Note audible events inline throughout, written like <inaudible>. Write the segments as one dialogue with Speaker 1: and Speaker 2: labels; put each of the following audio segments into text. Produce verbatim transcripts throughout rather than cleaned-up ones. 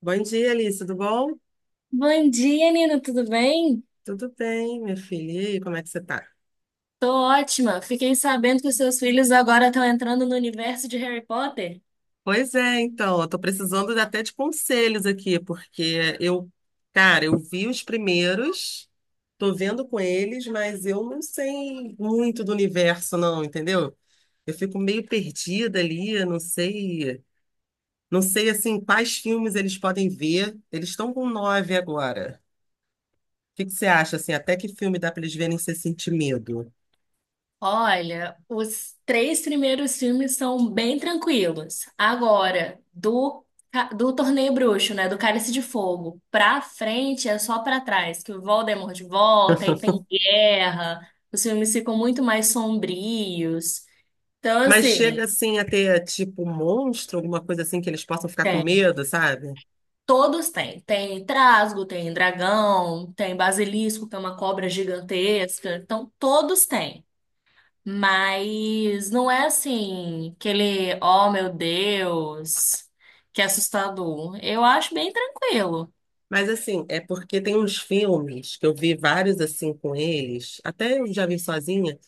Speaker 1: Bom dia, Alice, tudo bom?
Speaker 2: Bom dia, Nina, tudo bem?
Speaker 1: Tudo bem, minha filha. E aí, como é que você tá?
Speaker 2: Tô ótima. Fiquei sabendo que os seus filhos agora estão entrando no universo de Harry Potter.
Speaker 1: Pois é, então, eu tô precisando de- até de conselhos aqui, porque eu, cara, eu vi os primeiros, tô vendo com eles, mas eu não sei muito do universo, não, entendeu? Eu fico meio perdida ali, eu não sei, não sei, assim, quais filmes eles podem ver. Eles estão com nove agora. O que que você acha, assim, até que filme dá pra eles verem sem sentir medo?
Speaker 2: Olha, os três primeiros filmes são bem tranquilos. Agora, do, ca- do Torneio Bruxo, né, do Cálice de Fogo, pra frente é só pra trás, que o Voldemort volta e tem guerra, os filmes ficam muito mais sombrios. Então,
Speaker 1: Mas chega
Speaker 2: assim,
Speaker 1: assim a ter tipo um monstro, alguma coisa assim que eles possam ficar com
Speaker 2: é,
Speaker 1: medo, sabe?
Speaker 2: todos têm. Tem trasgo, tem dragão, tem basilisco, que é uma cobra gigantesca. Então, todos têm. Mas não é assim, aquele, oh meu Deus, que assustador. Eu acho bem tranquilo.
Speaker 1: Mas assim, é porque tem uns filmes que eu vi vários assim com eles, até eu já vi sozinha,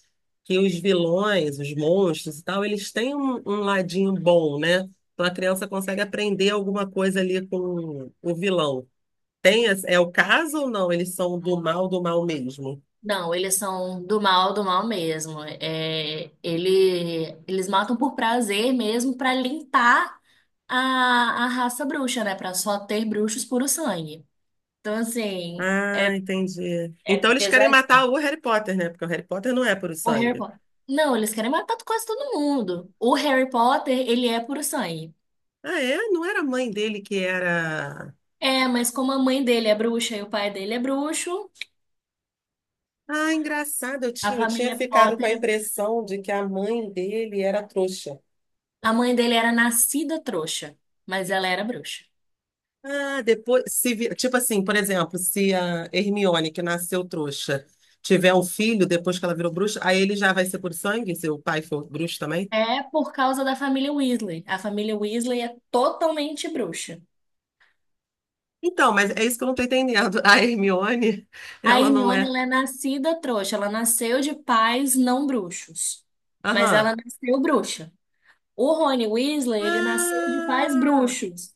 Speaker 1: que os vilões, os monstros e tal, eles têm um, um ladinho bom, né? Então a criança consegue aprender alguma coisa ali com o vilão. Tem, esse- é o caso ou não? Eles são do mal, do mal mesmo?
Speaker 2: Não, eles são do mal, do mal mesmo. É, ele, eles matam por prazer mesmo para limpar a, a raça bruxa, né? Para só ter bruxos puro sangue. Então, assim, é,
Speaker 1: Ah, entendi.
Speaker 2: é
Speaker 1: Então eles querem
Speaker 2: pesadinho.
Speaker 1: matar o Harry Potter, né? Porque o Harry Potter não é puro
Speaker 2: O Harry
Speaker 1: sangue.
Speaker 2: Potter. Não, eles querem matar quase todo mundo. O Harry Potter, ele é puro sangue.
Speaker 1: Ah, é? Não era a mãe dele que era.
Speaker 2: É, mas como a mãe dele é bruxa e o pai dele é bruxo,
Speaker 1: Ah, engraçado, eu
Speaker 2: a
Speaker 1: tinha, eu tinha
Speaker 2: família
Speaker 1: ficado com a
Speaker 2: Potter,
Speaker 1: impressão de que a mãe dele era trouxa.
Speaker 2: a mãe dele era nascida trouxa, mas ela era bruxa.
Speaker 1: Ah, depois, se, vi- tipo assim, por exemplo, se a Hermione, que nasceu trouxa, tiver um filho depois que ela virou bruxa, aí ele já vai ser por sangue, se o pai for bruxo também?
Speaker 2: É por causa da família Weasley. A família Weasley é totalmente bruxa.
Speaker 1: Então, mas é isso que eu não tô entendendo. <laughs> A Hermione,
Speaker 2: A
Speaker 1: ela não
Speaker 2: Hermione,
Speaker 1: é.
Speaker 2: ela é nascida trouxa. Ela nasceu de pais não bruxos, mas
Speaker 1: Aham.
Speaker 2: ela nasceu bruxa. O Rony Weasley, ele nasceu de pais
Speaker 1: Ah!
Speaker 2: bruxos.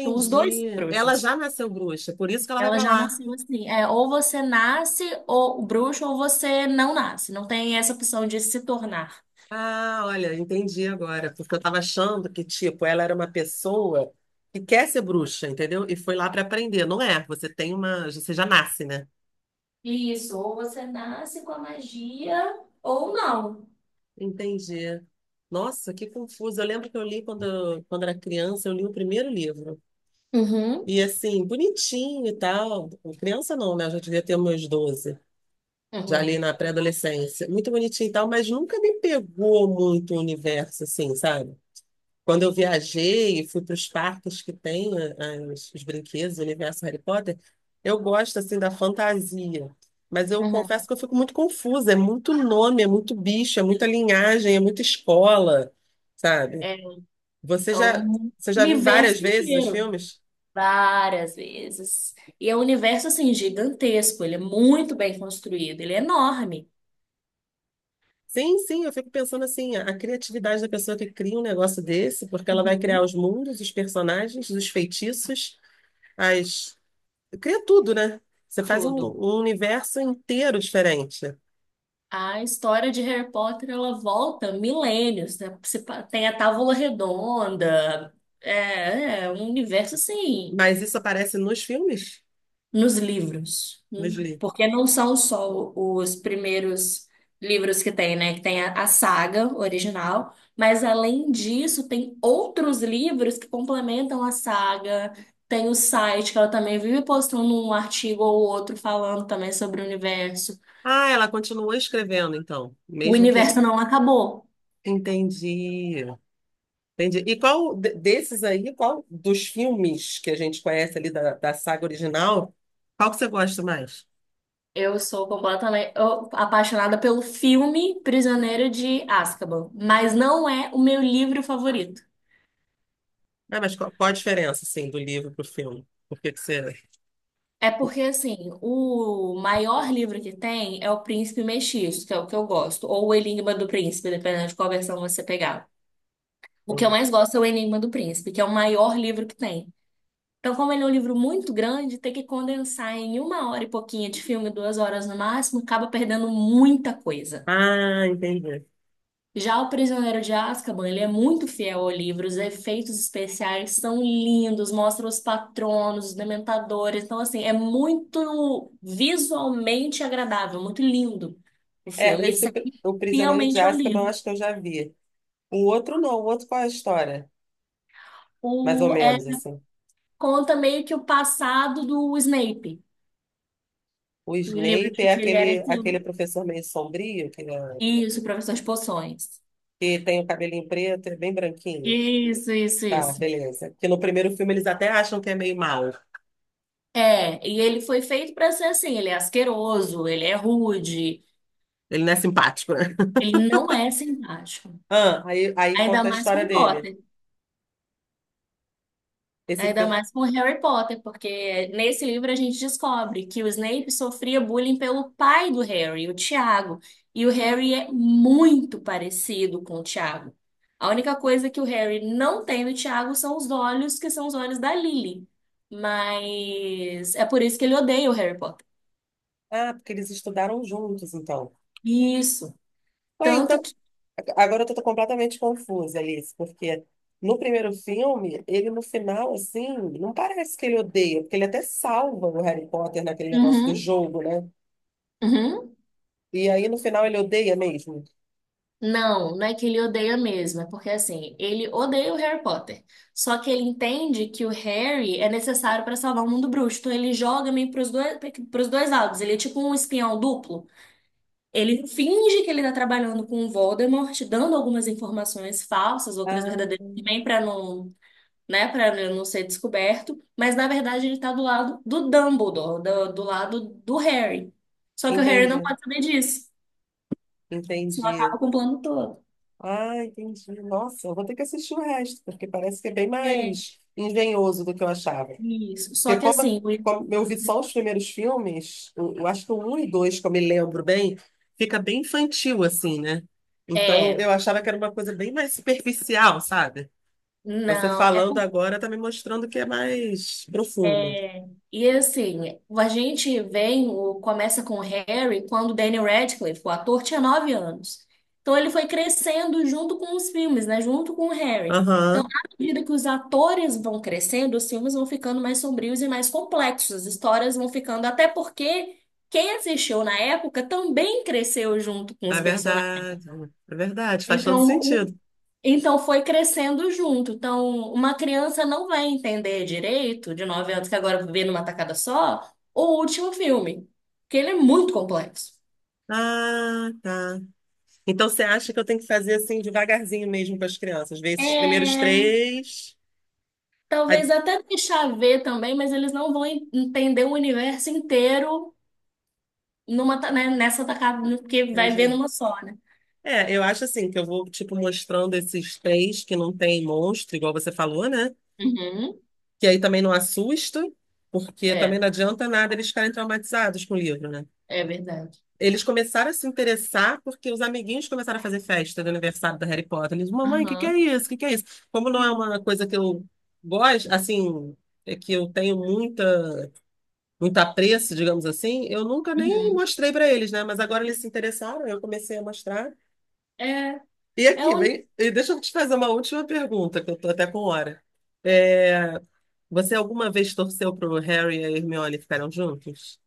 Speaker 2: Então, os dois são
Speaker 1: Ela
Speaker 2: bruxos.
Speaker 1: já nasceu bruxa, por isso que ela vai
Speaker 2: Ela
Speaker 1: pra
Speaker 2: já
Speaker 1: lá.
Speaker 2: nasceu assim. É, ou você nasce ou o bruxo ou você não nasce. Não tem essa opção de se tornar.
Speaker 1: Ah, olha, entendi agora, porque eu tava achando que, tipo, ela era uma pessoa que quer ser bruxa, entendeu? E foi lá pra aprender. Não é, você tem uma, você já nasce, né?
Speaker 2: Isso, ou você nasce com a magia ou não.
Speaker 1: Entendi. Nossa, que confuso. Eu lembro que eu li quando, quando era criança, eu li o primeiro livro.
Speaker 2: Uhum,
Speaker 1: E assim, bonitinho e tal. Criança não, né? Eu já devia ter meus doze, já ali
Speaker 2: uhum,
Speaker 1: na pré-adolescência. Muito bonitinho e tal, mas nunca me pegou muito o universo, assim, sabe? Quando eu viajei e fui para os parques que tem a- as- os brinquedos, o universo Harry Potter, eu gosto assim da fantasia. Mas eu
Speaker 2: uhum.
Speaker 1: confesso que eu fico muito confusa. É muito nome, é muito bicho, é muita linhagem, é muita escola, sabe?
Speaker 2: É
Speaker 1: Você
Speaker 2: é
Speaker 1: já,
Speaker 2: um
Speaker 1: você já viu várias
Speaker 2: universo
Speaker 1: vezes os
Speaker 2: inteiro.
Speaker 1: filmes?
Speaker 2: Várias vezes. E é um universo assim gigantesco, ele é muito bem construído, ele é enorme.
Speaker 1: Sim, sim, eu fico pensando assim, a a criatividade da pessoa que cria um negócio desse, porque ela vai criar
Speaker 2: Uhum.
Speaker 1: os mundos, os personagens, os feitiços, as Cria tudo, né? Você faz um,
Speaker 2: Tudo.
Speaker 1: um universo inteiro diferente.
Speaker 2: A história de Harry Potter, ela volta milênios, né? Se pa- Tem a Távola Redonda. É, é um universo assim,
Speaker 1: Mas isso aparece nos filmes?
Speaker 2: nos livros, né?
Speaker 1: Nos livros.
Speaker 2: Porque não são só os primeiros livros que tem, né? Que tem a, a saga original, mas além disso, tem outros livros que complementam a saga. Tem o site que ela também vive postando um artigo ou outro falando também sobre o universo.
Speaker 1: Ah, ela continua escrevendo, então.
Speaker 2: O
Speaker 1: Mesmo que.
Speaker 2: universo não acabou.
Speaker 1: Entendi. Entendi. E qual de- desses aí, qual dos filmes que a gente conhece ali da, da saga original, qual que você gosta mais?
Speaker 2: Eu sou completamente eu- apaixonada pelo filme Prisioneiro de Azkaban, mas não é o meu livro favorito.
Speaker 1: Ah, mas qual, qual a diferença, assim, do livro pro filme? Por que que você.
Speaker 2: É porque, assim, o maior livro que tem é O Príncipe Mestiço, que é o que eu gosto, ou O Enigma do Príncipe, dependendo de qual versão você pegar. O que eu mais gosto é O Enigma do Príncipe, que é o maior livro que tem. Então, como ele é um livro muito grande, ter que condensar em uma hora e pouquinho de filme, duas horas no máximo, acaba perdendo muita coisa.
Speaker 1: Ah, entendi.
Speaker 2: Já o Prisioneiro de Azkaban, ele é muito fiel ao livro, os efeitos especiais são lindos, mostra os patronos, os dementadores, então assim, é muito visualmente agradável, muito lindo o
Speaker 1: É,
Speaker 2: filme,
Speaker 1: esse
Speaker 2: isso é
Speaker 1: Pri- o Prisioneiro de
Speaker 2: fielmente ao
Speaker 1: Azkaban, eu
Speaker 2: livro.
Speaker 1: acho que eu já vi. O outro não, o outro qual é a história? Mais ou
Speaker 2: O, é,
Speaker 1: menos, assim.
Speaker 2: Conta meio que o passado do Snape,
Speaker 1: O
Speaker 2: do livro
Speaker 1: Snape
Speaker 2: de
Speaker 1: é
Speaker 2: que ele era
Speaker 1: aquele,
Speaker 2: esse,
Speaker 1: aquele professor meio sombrio, que, é-
Speaker 2: isso, professor de poções.
Speaker 1: que tem o cabelinho preto, é bem branquinho.
Speaker 2: Isso, isso,
Speaker 1: Tá,
Speaker 2: isso.
Speaker 1: beleza. Que no primeiro filme eles até acham que é meio mau.
Speaker 2: É, e ele foi feito para ser assim, ele é asqueroso, ele é rude.
Speaker 1: Ele não é simpático, né? <laughs>
Speaker 2: Ele não é simpático.
Speaker 1: Ah, aí, aí
Speaker 2: Ainda
Speaker 1: conta a
Speaker 2: mais
Speaker 1: história
Speaker 2: com
Speaker 1: dele.
Speaker 2: Potter.
Speaker 1: Esse
Speaker 2: Ainda
Speaker 1: filme.
Speaker 2: mais com Harry Potter, porque nesse livro a gente descobre que o Snape sofria bullying pelo pai do Harry, o Tiago. E o Harry é muito parecido com o Tiago. A única coisa que o Harry não tem do Tiago são os olhos, que são os olhos da Lily. Mas é por isso que ele odeia o Harry Potter.
Speaker 1: Ah, porque eles estudaram juntos, então.
Speaker 2: Isso.
Speaker 1: Ué,
Speaker 2: Tanto
Speaker 1: então,
Speaker 2: que.
Speaker 1: a- agora eu tô completamente confusa, Alice, porque no primeiro filme, ele no final, assim, não parece que ele odeia, porque ele até salva o Harry Potter naquele negócio do
Speaker 2: Uhum,
Speaker 1: jogo, né?
Speaker 2: uhum.
Speaker 1: E aí no final ele odeia mesmo.
Speaker 2: Não, não é que ele odeia mesmo, é porque assim, ele odeia o Harry Potter. Só que ele entende que o Harry é necessário para salvar o mundo bruxo. Então ele joga meio pros dois, pros dois lados. Ele é tipo um espião duplo. Ele finge que ele tá trabalhando com o Voldemort, dando algumas informações falsas, outras
Speaker 1: Ah,
Speaker 2: verdadeiras também para não, né, para não ser descoberto, mas na verdade ele tá do lado do Dumbledore, do, do lado do Harry. Só que o Harry não
Speaker 1: entendi,
Speaker 2: pode saber disso, senão
Speaker 1: entendi.
Speaker 2: acaba com o plano todo.
Speaker 1: Ah, entendi. Nossa, eu vou ter que assistir o resto, porque parece que é bem
Speaker 2: É.
Speaker 1: mais engenhoso do que eu achava.
Speaker 2: Isso. Só
Speaker 1: Porque
Speaker 2: que
Speaker 1: como,
Speaker 2: assim, o-
Speaker 1: como eu vi só os primeiros filmes, eu, eu acho que o um e dois, que eu me lembro bem, fica bem infantil, assim, né? Então
Speaker 2: é,
Speaker 1: eu achava que era uma coisa bem mais superficial, sabe? Você
Speaker 2: não, é,
Speaker 1: falando
Speaker 2: por-
Speaker 1: agora tá me mostrando que é mais profundo.
Speaker 2: é. E assim, a gente vem, o, começa com o Harry quando o Daniel Radcliffe, o ator, tinha nove anos. Então ele foi crescendo junto com os filmes, né? Junto com o Harry. Então,
Speaker 1: Aham,
Speaker 2: à medida que os atores vão crescendo, os filmes vão ficando mais sombrios e mais complexos, as histórias vão ficando, até porque quem assistiu na época também cresceu junto com os
Speaker 1: é
Speaker 2: personagens.
Speaker 1: verdade. É verdade, faz todo
Speaker 2: Então,
Speaker 1: sentido.
Speaker 2: Então foi crescendo junto. Então, uma criança não vai entender direito, de nove anos, que agora vê numa tacada só, o último filme, porque ele é muito complexo.
Speaker 1: Ah, tá. Então você acha que eu tenho que fazer assim devagarzinho mesmo para as crianças? Ver esses primeiros
Speaker 2: É,
Speaker 1: três. Aí-
Speaker 2: talvez até deixar ver também, mas eles não vão en- entender o universo inteiro numa, ta- né, nessa tacada, porque vai ver
Speaker 1: Entendi.
Speaker 2: numa só, né?
Speaker 1: É, eu acho assim que eu vou, tipo, mostrando esses três que não tem monstro, igual você falou, né?
Speaker 2: Uhum.
Speaker 1: Que aí também não assusta, porque também
Speaker 2: É,
Speaker 1: não adianta nada eles ficarem traumatizados com o livro, né?
Speaker 2: é verdade.
Speaker 1: Eles começaram a se interessar porque os amiguinhos começaram a fazer festa do aniversário da Harry Potter. Eles, mamãe, o que que
Speaker 2: Aham.
Speaker 1: é isso? O que que é isso? Como não é uma coisa que eu gosto, assim, é que eu tenho muita, muito apreço, digamos assim, eu nunca nem
Speaker 2: Uhum.
Speaker 1: mostrei para eles, né? Mas agora eles se interessaram, eu comecei a mostrar.
Speaker 2: É,
Speaker 1: E
Speaker 2: é
Speaker 1: aqui,
Speaker 2: o único.
Speaker 1: vem, e deixa eu te fazer uma última pergunta, que eu tô até com hora. É, você alguma vez torceu pro Harry e a Hermione ficaram juntos?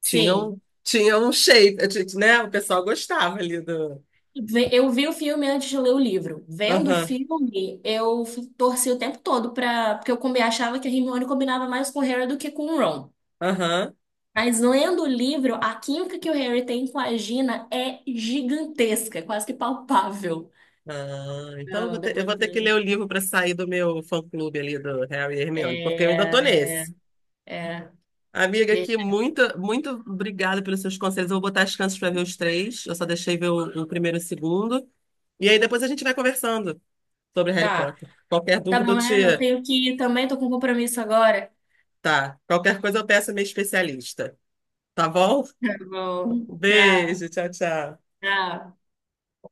Speaker 2: Sim.
Speaker 1: Tinham, tinham um shape, t- né? O pessoal gostava ali do.
Speaker 2: Ve- Eu vi o filme antes de ler o livro. Vendo o
Speaker 1: Aham,
Speaker 2: filme, eu f- torci o tempo todo pra. Porque eu combi- achava que a Hermione combinava mais com o Harry do que com o Ron.
Speaker 1: aham.
Speaker 2: Mas lendo o livro, a química que o Harry tem com a Gina é gigantesca, é quase que palpável.
Speaker 1: Ah, então eu vou
Speaker 2: Não,
Speaker 1: ter, eu
Speaker 2: depois
Speaker 1: vou ter que
Speaker 2: que-
Speaker 1: ler o livro para sair do meu fã-clube ali do Harry e Hermione, porque eu ainda tô
Speaker 2: é, é,
Speaker 1: nesse.
Speaker 2: é.
Speaker 1: Amiga,
Speaker 2: Ver-
Speaker 1: aqui, muito, muito obrigada pelos seus conselhos. Eu vou botar as chances para ver os três. Eu só deixei ver o, o primeiro e o segundo. E aí depois a gente vai conversando. Sobre Harry
Speaker 2: tá,
Speaker 1: Potter. Qualquer
Speaker 2: tá
Speaker 1: dúvida eu
Speaker 2: bom,
Speaker 1: te.
Speaker 2: é, eu tenho que ir também, tô com um compromisso agora.
Speaker 1: Tá. Qualquer coisa eu peço a minha especialista. Tá bom?
Speaker 2: Tá
Speaker 1: Um
Speaker 2: bom, tá,
Speaker 1: Beijo, tchau, tchau.
Speaker 2: tá.